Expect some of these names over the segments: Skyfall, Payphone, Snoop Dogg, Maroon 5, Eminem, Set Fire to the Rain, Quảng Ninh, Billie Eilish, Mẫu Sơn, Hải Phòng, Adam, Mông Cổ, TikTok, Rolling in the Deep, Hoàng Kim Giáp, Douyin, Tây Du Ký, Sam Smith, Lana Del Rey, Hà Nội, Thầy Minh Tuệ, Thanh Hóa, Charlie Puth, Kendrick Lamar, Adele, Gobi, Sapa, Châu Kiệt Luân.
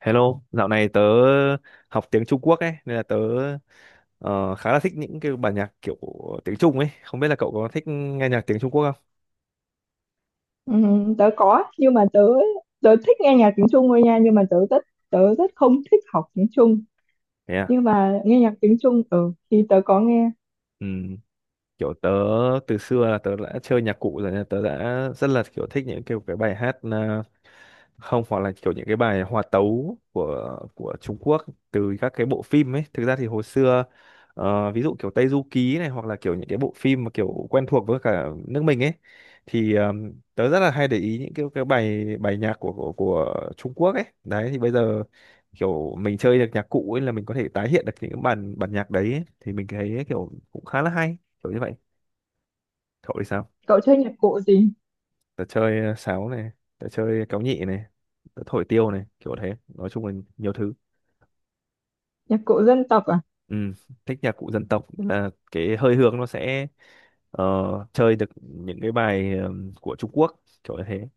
Hello, dạo này tớ học tiếng Trung Quốc ấy, nên là tớ ờ, khá là thích những cái bản nhạc kiểu tiếng Trung ấy. Không biết là cậu có thích nghe nhạc tiếng Trung Quốc không? Ừ, tớ có nhưng mà tớ tớ thích nghe nhạc tiếng Trung thôi nha nhưng mà tớ rất không thích học tiếng Trung Thế à? nhưng mà nghe nhạc tiếng Trung ừ thì tớ có nghe. Ừ. Kiểu tớ từ xưa là tớ đã chơi nhạc cụ rồi nên tớ đã rất là kiểu thích những kiểu cái bài hát không, hoặc là kiểu những cái bài hòa tấu của Trung Quốc từ các cái bộ phim ấy. Thực ra thì hồi xưa, ví dụ kiểu Tây Du Ký này, hoặc là kiểu những cái bộ phim mà kiểu quen thuộc với cả nước mình ấy, thì tớ rất là hay để ý những cái bài bài nhạc của Trung Quốc ấy đấy. Thì bây giờ kiểu mình chơi được nhạc cụ ấy là mình có thể tái hiện được những cái bản bản nhạc đấy ấy. Thì mình thấy kiểu cũng khá là hay, kiểu như vậy. Cậu thì sao? Cậu chơi nhạc cụ gì? Tớ chơi sáo này, tớ chơi kéo nhị này, tớ thổi tiêu này, kiểu thế, nói chung là nhiều thứ. Nhạc cụ dân tộc à? Ừ, thích nhạc cụ dân tộc nên là cái hơi hướng nó sẽ ờ, chơi được những cái bài của Trung Quốc, kiểu như thế.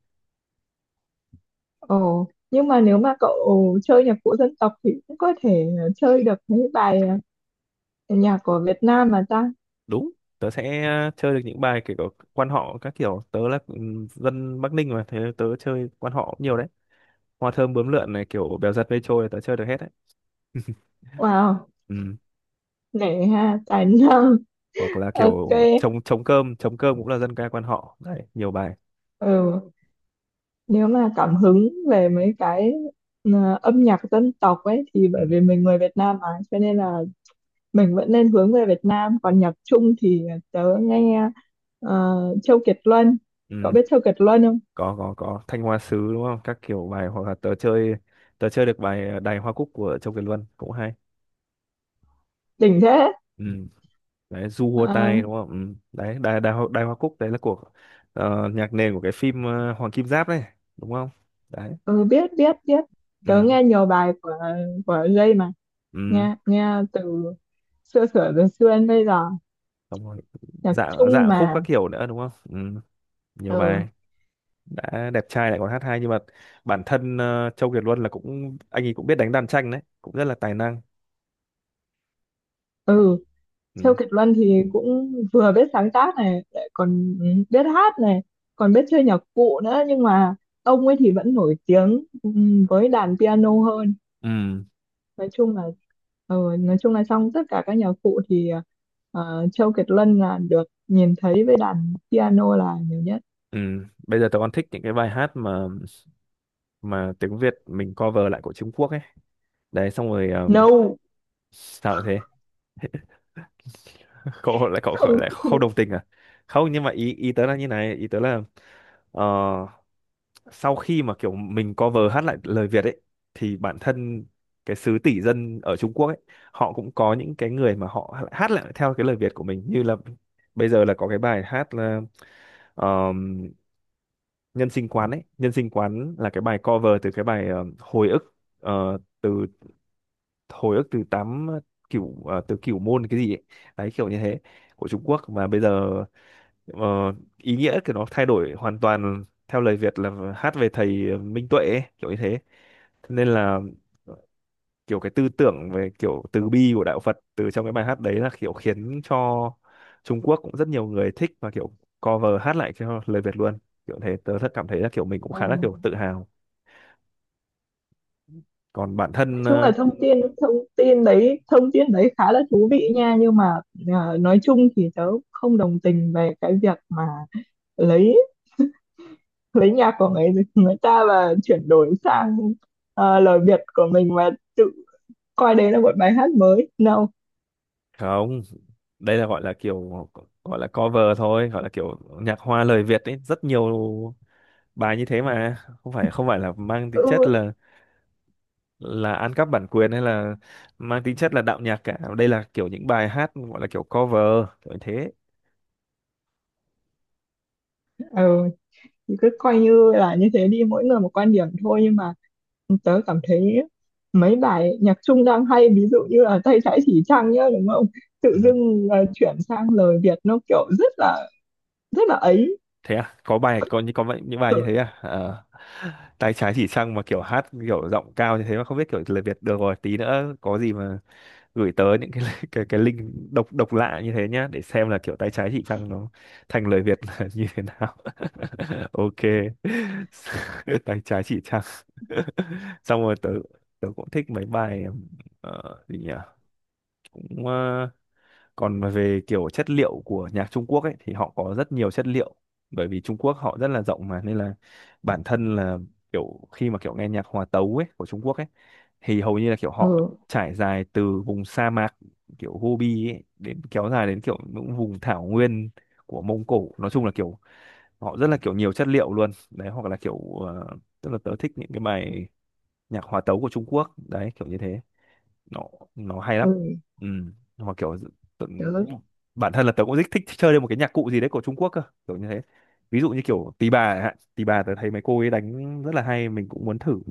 Ồ nhưng mà nếu mà cậu chơi nhạc cụ dân tộc thì cũng có thể chơi được mấy bài ờ, nhạc của Việt Nam mà ta. Đúng, tớ sẽ chơi được những bài kiểu quan họ các kiểu. Tớ là, ừ, dân Bắc Ninh mà, thế tớ chơi quan họ cũng nhiều đấy. Hoa thơm bướm lượn này, kiểu bèo giật mây trôi, là tớ chơi được hết đấy. Wow, Ừ. nể ha, tài năng. Hoặc là Ok, kiểu trống trống cơm, trống cơm cũng là dân ca quan họ đấy, nhiều bài. ừ, nếu mà cảm hứng về mấy cái âm nhạc dân tộc ấy thì Ừ. bởi vì mình người Việt Nam mà cho nên là mình vẫn nên hướng về Việt Nam, còn nhạc Trung thì tớ nghe ờ, Châu Kiệt Luân. Cậu Ừ, biết Châu Kiệt Luân không? Có, Thanh Hoa Sứ đúng không? Các kiểu bài, hoặc là tớ chơi được bài Đài Hoa Cúc của Châu Kiệt Luân cũng hay. Đỉnh thế. Ừ. Đấy, Du Hua Ờ, Tai đúng không? Ừ. Đấy, Đài Đài Hoa, Đài Hoa Cúc đấy là của nhạc nền của cái phim Hoàng Kim Giáp đấy, đúng không? Đấy. ừ, biết biết biết, Ừ. tớ nghe nhiều bài của Jay mà, Ừ. nghe nghe từ xưa sửa đến xưa đến bây giờ, Xong rồi. nhạc Dạ Trung dạ khúc các mà. kiểu nữa đúng không? Ừ. Nhiều Ừ, bài đã đẹp trai lại còn hát hay, nhưng mà bản thân Châu Kiệt Luân là cũng, anh ấy cũng biết đánh đàn tranh đấy, cũng rất là tài năng. ừ, Ừ. Châu Kiệt Luân thì cũng vừa biết sáng tác này, lại còn biết hát này, còn biết chơi nhạc cụ nữa, nhưng mà ông ấy thì vẫn nổi tiếng với đàn piano hơn. Ừ. Nói chung là nói chung là trong tất cả các nhạc cụ thì Châu Kiệt Luân là được nhìn thấy với đàn piano là nhiều nhất. Ừ. Bây giờ tớ còn thích những cái bài hát mà tiếng Việt mình cover lại của Trung Quốc ấy. Đấy xong rồi, No, sao lại thế? Cậu lại cậu không lại không không. đồng tình à? Không, nhưng mà ý ý tớ là như này, ý tớ là ờ, sau khi mà kiểu mình cover hát lại lời Việt ấy thì bản thân cái xứ tỷ dân ở Trung Quốc ấy, họ cũng có những cái người mà họ hát lại theo cái lời Việt của mình. Như là bây giờ là có cái bài hát là Nhân Sinh Quán ấy. Nhân Sinh Quán là cái bài cover từ cái bài hồi ức, từ hồi ức từ tám, kiểu từ kiểu môn cái gì ấy, đấy kiểu như thế, của Trung Quốc. Mà bây giờ ờ, ý nghĩa của nó thay đổi hoàn toàn theo lời Việt là hát về thầy Minh Tuệ ấy, kiểu như thế. Thế nên là kiểu cái tư tưởng về kiểu từ bi của đạo Phật từ trong cái bài hát đấy là kiểu khiến cho Trung Quốc cũng rất nhiều người thích, và kiểu cover hát lại cho lời Việt luôn, kiểu thế. Tớ rất cảm thấy là kiểu mình cũng Ồ, khá là kiểu tự hào. Còn bản nói thân chung là thông tin thông tin đấy khá là thú vị nha, nhưng mà nói chung thì tớ không đồng tình về cái việc mà lấy lấy nhạc của người người ta và chuyển đổi sang lời Việt của mình và tự coi đấy là một bài hát mới. No. không, đây là gọi là kiểu, gọi là cover thôi, gọi là kiểu nhạc hoa lời Việt ấy, rất nhiều bài như thế mà. Không phải là mang tính chất là ăn cắp bản quyền, hay là mang tính chất là đạo nhạc cả. Đây là kiểu những bài hát gọi là kiểu cover, kiểu như thế. Ừ, thì cứ coi như là như thế đi, mỗi người một quan điểm thôi, nhưng mà tớ cảm thấy mấy bài nhạc Trung đang hay, ví dụ như là tay trái chỉ trăng nhá, đúng không, tự Ừ. dưng chuyển sang lời Việt nó kiểu rất là ấy. Thế à, có bài, có những có vậy- những bài như thế Ừ, à? Ờ. Tay trái chỉ trăng mà kiểu hát kiểu giọng cao như thế, mà không biết kiểu lời Việt. Được rồi, tí nữa có gì mà gửi tới những cái cái link độc, độc lạ như thế nhá, để xem là kiểu tay trái chỉ trăng nó thành lời Việt là như thế nào. Ok. Tay trái chỉ trăng. Xong rồi tớ tớ cũng thích mấy bài gì nhỉ, cũng còn về kiểu chất liệu của nhạc Trung Quốc ấy thì họ có rất nhiều chất liệu, bởi vì Trung Quốc họ rất là rộng mà, nên là bản thân là kiểu khi mà kiểu nghe nhạc hòa tấu ấy của Trung Quốc ấy thì hầu như là kiểu họ ừ. trải dài từ vùng sa mạc kiểu Gobi ấy, đến kéo dài đến kiểu những vùng thảo nguyên của Mông Cổ. Nói chung là kiểu họ rất là kiểu nhiều chất liệu luôn đấy. Hoặc là kiểu ờ, tức là tớ thích những cái bài nhạc hòa tấu của Trung Quốc đấy, kiểu như thế. nó nó hay lắm. Ừ. Ừ. Mà kiểu tự- Tớ bản thân là tớ cũng rất thích chơi lên một cái nhạc cụ gì đấy của Trung Quốc cơ, kiểu như thế. Ví dụ như kiểu tỳ bà chẳng hạn, tỳ bà tớ thấy mấy cô ấy đánh rất là hay, mình cũng muốn thử.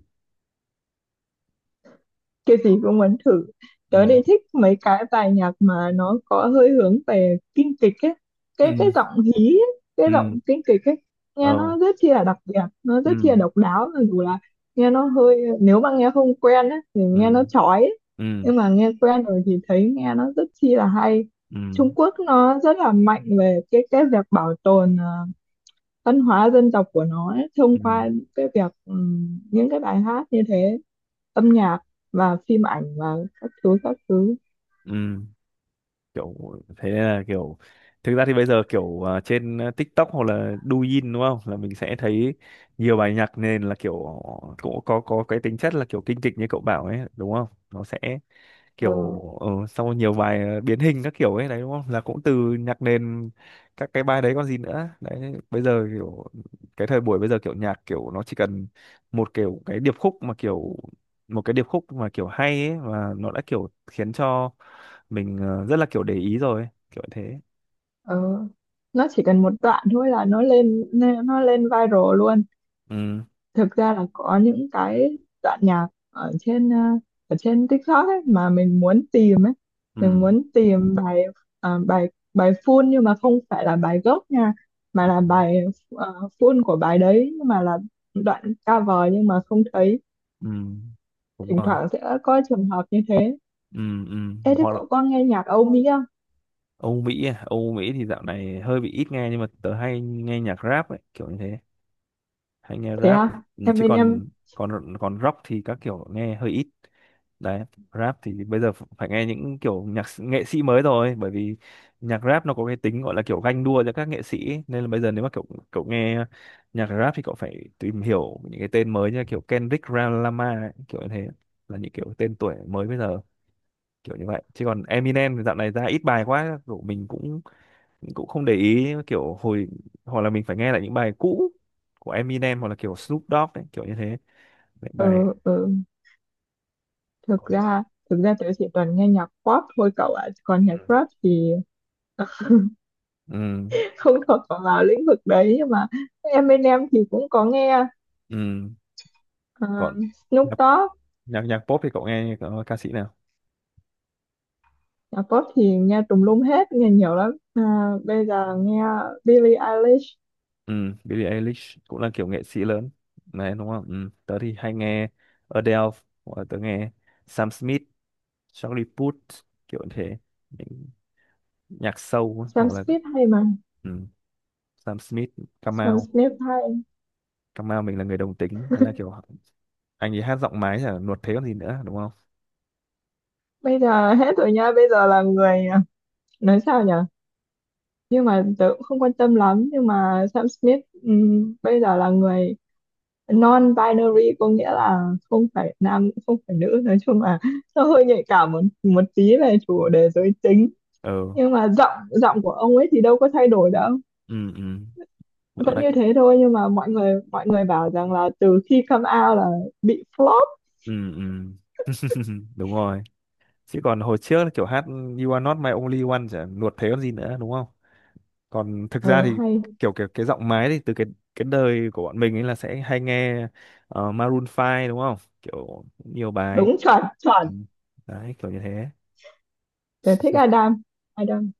cái gì cũng muốn thử. Tớ Ừ. thì thích mấy cái bài nhạc mà nó có hơi hướng về kinh kịch ấy, cái Ừ. giọng hí ấy, cái Ừ. giọng kinh kịch ấy, ờ nghe nó rất chi là đặc biệt, nó rất chi là ừ. độc đáo, mặc dù là nghe nó hơi, nếu mà nghe không quen ấy, thì nghe Ừ. nó chói ấy. Ừ. Nhưng mà nghe quen rồi thì thấy nghe nó rất chi là hay. Ừ. Trung Quốc nó rất là mạnh về cái việc bảo tồn văn hóa dân tộc của nó ấy, thông Ừ. qua cái việc những cái bài hát như thế, âm nhạc và phim ảnh và các thứ các thứ. Ừ. Kiểu thế nên là kiểu thực ra thì bây giờ kiểu trên TikTok hoặc là Douyin đúng không, là mình sẽ thấy nhiều bài nhạc nền là kiểu cũng có cái tính chất là kiểu kinh kịch như cậu bảo ấy đúng không, nó sẽ Ừ, kiểu sau nhiều bài biến hình các kiểu ấy đấy đúng không, là cũng từ nhạc nền các cái bài đấy. Còn gì nữa đấy, bây giờ kiểu cái thời buổi bây giờ kiểu nhạc kiểu nó chỉ cần một kiểu cái điệp khúc mà kiểu một cái điệp khúc mà kiểu hay ấy, và nó đã kiểu khiến cho mình rất là kiểu để ý rồi ấy, kiểu thế. ừ. Nó chỉ cần một đoạn thôi là nó lên lên- nó lên viral luôn. Ừ. Thực ra là có những cái đoạn nhạc ở trên ở trên TikTok ấy mà mình muốn tìm ấy, Ừ. mình muốn tìm bài ờ, bài bài full, nhưng mà không phải là bài gốc nha, mà là Ừ. bài full của bài đấy, nhưng mà là đoạn cover, nhưng mà không thấy. Ừ. Đúng Thỉnh rồi. thoảng sẽ có trường hợp như thế. Ừ. Ừ. Ê, thế Hoặc là cậu có nghe nhạc Âu Mỹ? Âu Mỹ à? Âu Mỹ thì dạo này hơi bị ít nghe, nhưng mà tớ hay nghe nhạc rap ấy, kiểu như thế. Hay nghe Thế rap. à, Ừ, em chứ bên em. còn còn còn rock thì các kiểu nghe hơi ít. Đấy, rap thì bây giờ phải nghe những kiểu nghệ sĩ mới rồi, bởi vì nhạc rap nó có cái tính gọi là kiểu ganh đua giữa các nghệ sĩ ấy, nên là bây giờ nếu mà kiểu cậu nghe nhạc rap thì cậu phải tìm hiểu những cái tên mới như là kiểu Kendrick Lamar ấy, kiểu như thế. Là những kiểu tên tuổi mới bây giờ, kiểu như vậy. Chứ còn Eminem thì dạo này ra ít bài quá, kiểu mình cũng cũng không để ý kiểu hồi, hoặc là mình phải nghe lại những bài cũ của Eminem, hoặc là kiểu Snoop Dogg ấy, kiểu như thế. Những bài. Ờ Ừ. thực ra, thực ra tớ chỉ toàn nghe nhạc pop thôi cậu ạ, còn nhạc rap thì tớ Ừ. không thuộc vào lĩnh vực đấy, nhưng mà em bên em thì cũng có nghe Ừ. ờ, Còn Snoop nhạc Dogg. nhạc, nhạc pop thì cậu nghe có ca sĩ nào? Nhạc pop thì nghe tùm lum hết, nghe nhiều lắm. À, bây giờ nghe Billie Eilish. Ừ, Billie Eilish cũng là kiểu nghệ sĩ lớn này đúng không. Ừ. Tớ thì hay nghe Adele, hoặc là tớ nghe Sam Smith, Charlie Puth, kiểu như thế, những nhạc sâu ấy, hoặc Sam là. Smith hay mà. Ừ. Sam Smith, Sam Kamau, Smith hay. Kamau mình là người đồng tính, thế là kiểu anh ấy hát giọng mái là nuột, thế còn gì nữa đúng không. Bây giờ hết rồi nha, bây giờ là người nói sao nhỉ, nhưng mà tớ cũng không quan tâm lắm, nhưng mà Sam Smith bây giờ là người non-binary, có nghĩa là không phải nam cũng không phải nữ, nói chung là nó hơi nhạy cảm một một tí về chủ đề giới tính, Ừ. nhưng mà giọng giọng của ông ấy thì đâu có thay đổi đâu, Ừ. Ừ. Vẫn vẫn là. như thế thôi, nhưng mà mọi người bảo rằng là từ khi come out là bị flop. Ừ. Ừ. Đúng rồi. Chứ còn hồi trước kiểu hát "You are not my only one" chả nuột thế còn gì nữa đúng không. Còn thực Ừ, ra thì hay. kiểu kiểu cái giọng máy thì từ cái đời của bọn mình ấy là sẽ hay nghe Maroon 5 đúng không, kiểu nhiều bài. Đúng, chuẩn Ừ. chuẩn. Đấy kiểu như thế. Tớ thích Adam. Adam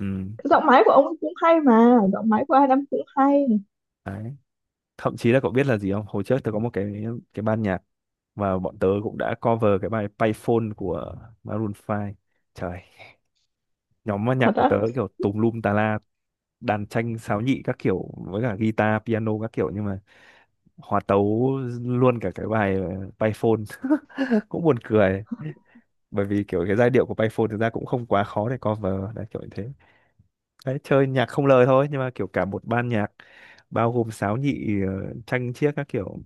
Ừ. giọng máy của ông ấy cũng hay mà, giọng máy của Adam cũng hay. Đấy, thậm chí là cậu biết là gì không, hồi trước tớ có một cái ban nhạc, và bọn tớ cũng đã cover cái bài Payphone của Maroon 5, trời, nhóm âm nhạc Thật của tớ á? kiểu tùm lum tà la, đàn tranh, sáo, nhị các kiểu, với cả guitar, piano các kiểu, nhưng mà hòa tấu luôn cả cái bài Python, cũng buồn cười, bởi vì kiểu cái giai điệu của Payphone thực ra cũng không quá khó để cover đấy, kiểu như thế. Đấy, chơi nhạc không lời thôi nhưng mà kiểu cả một ban nhạc bao gồm sáo, nhị, tranh chiếc các kiểu,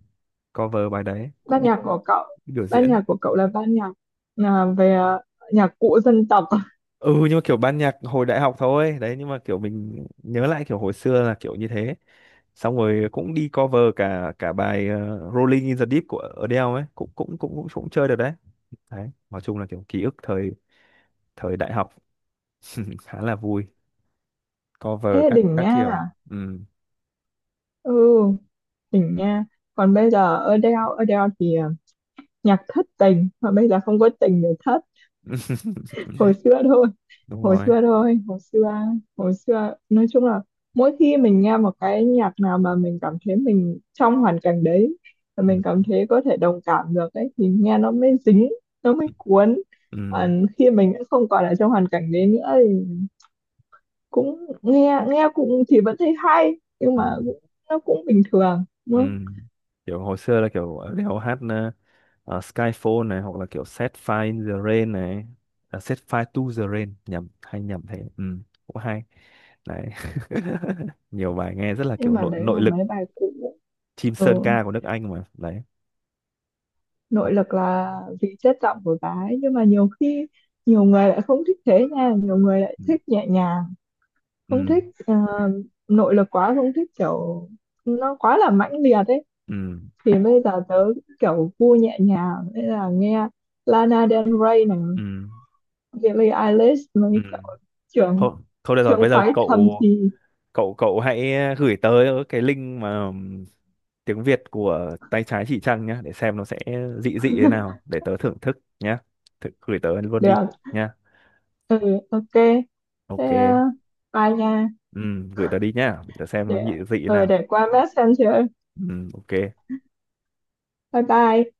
cover bài đấy Ban cũng đi nhạc của cậu, biểu ban diễn. nhạc của cậu là ban nhạc về nhạc cụ dân tộc? Ừ, nhưng mà kiểu ban nhạc hồi đại học thôi đấy, nhưng mà kiểu mình nhớ lại kiểu hồi xưa là kiểu như thế. Xong rồi cũng đi cover cả cả bài Rolling in the Deep của Adele ấy, cũng cũng cũng cũng, cũng chơi được đấy. Đấy nói chung là kiểu ký ức thời thời đại học khá là vui, Ê cover các đỉnh các nha, kiểu. Ừ. ừ, đỉnh nha. Còn bây giờ Adele, Adele thì nhạc thất tình mà bây giờ không có tình để thất, hồi xưa thôi. Đúng Hồi rồi. xưa thôi, hồi xưa, hồi xưa, nói chung là mỗi khi mình nghe một cái nhạc nào mà mình cảm thấy mình trong hoàn cảnh đấy và Ừ. mình cảm thấy có thể đồng cảm được ấy, thì nghe nó mới dính, nó mới cuốn. Ừ. Còn khi mình đã không còn ở trong hoàn cảnh đấy nữa thì cũng nghe, nghe cũng thì vẫn thấy hay nhưng Ừ. mà cũng, nó cũng bình thường. Ừ. Kiểu hồi xưa là kiểu ở đèo hát Skyfall này, hoặc là kiểu Set Fire in the Rain này, Set Fire to the Rain, nhầm hay nhầm thế. Ừ, cũng hay đấy. Nhiều bài nghe rất là kiểu Nhưng mà nội đấy nội là lực, mấy bài cũ. chim Ừ, sơn ca của nước Anh mà đấy. Ồ. nội lực là vì chất giọng của bà ấy, nhưng mà nhiều khi nhiều người lại không thích thế nha, nhiều người lại Ừ. thích nhẹ nhàng, không Ừ. thích nội lực quá, không thích kiểu nó quá là mãnh liệt ấy. Ừ. Thì bây giờ tớ kiểu gu nhẹ nhàng nên là nghe Lana Del Rey này, Ừ. Billie Eilish Ừ. mấy kiểu, trưởng, Thôi, thôi được rồi, trưởng bây giờ phái thầm cậu thì. cậu cậu hãy gửi tới cái link mà tiếng Việt của tay trái chỉ trăng nhá, để xem nó sẽ dị dị thế nào để tớ thưởng thức nhá. Thử, gửi tớ luôn đi Được, nhá. ừ, ok, Ok. thế bye nha. Gửi tớ đi nhá để tớ xem nó Để dị dị thế nào. để qua Messenger. Ok. Bye bye.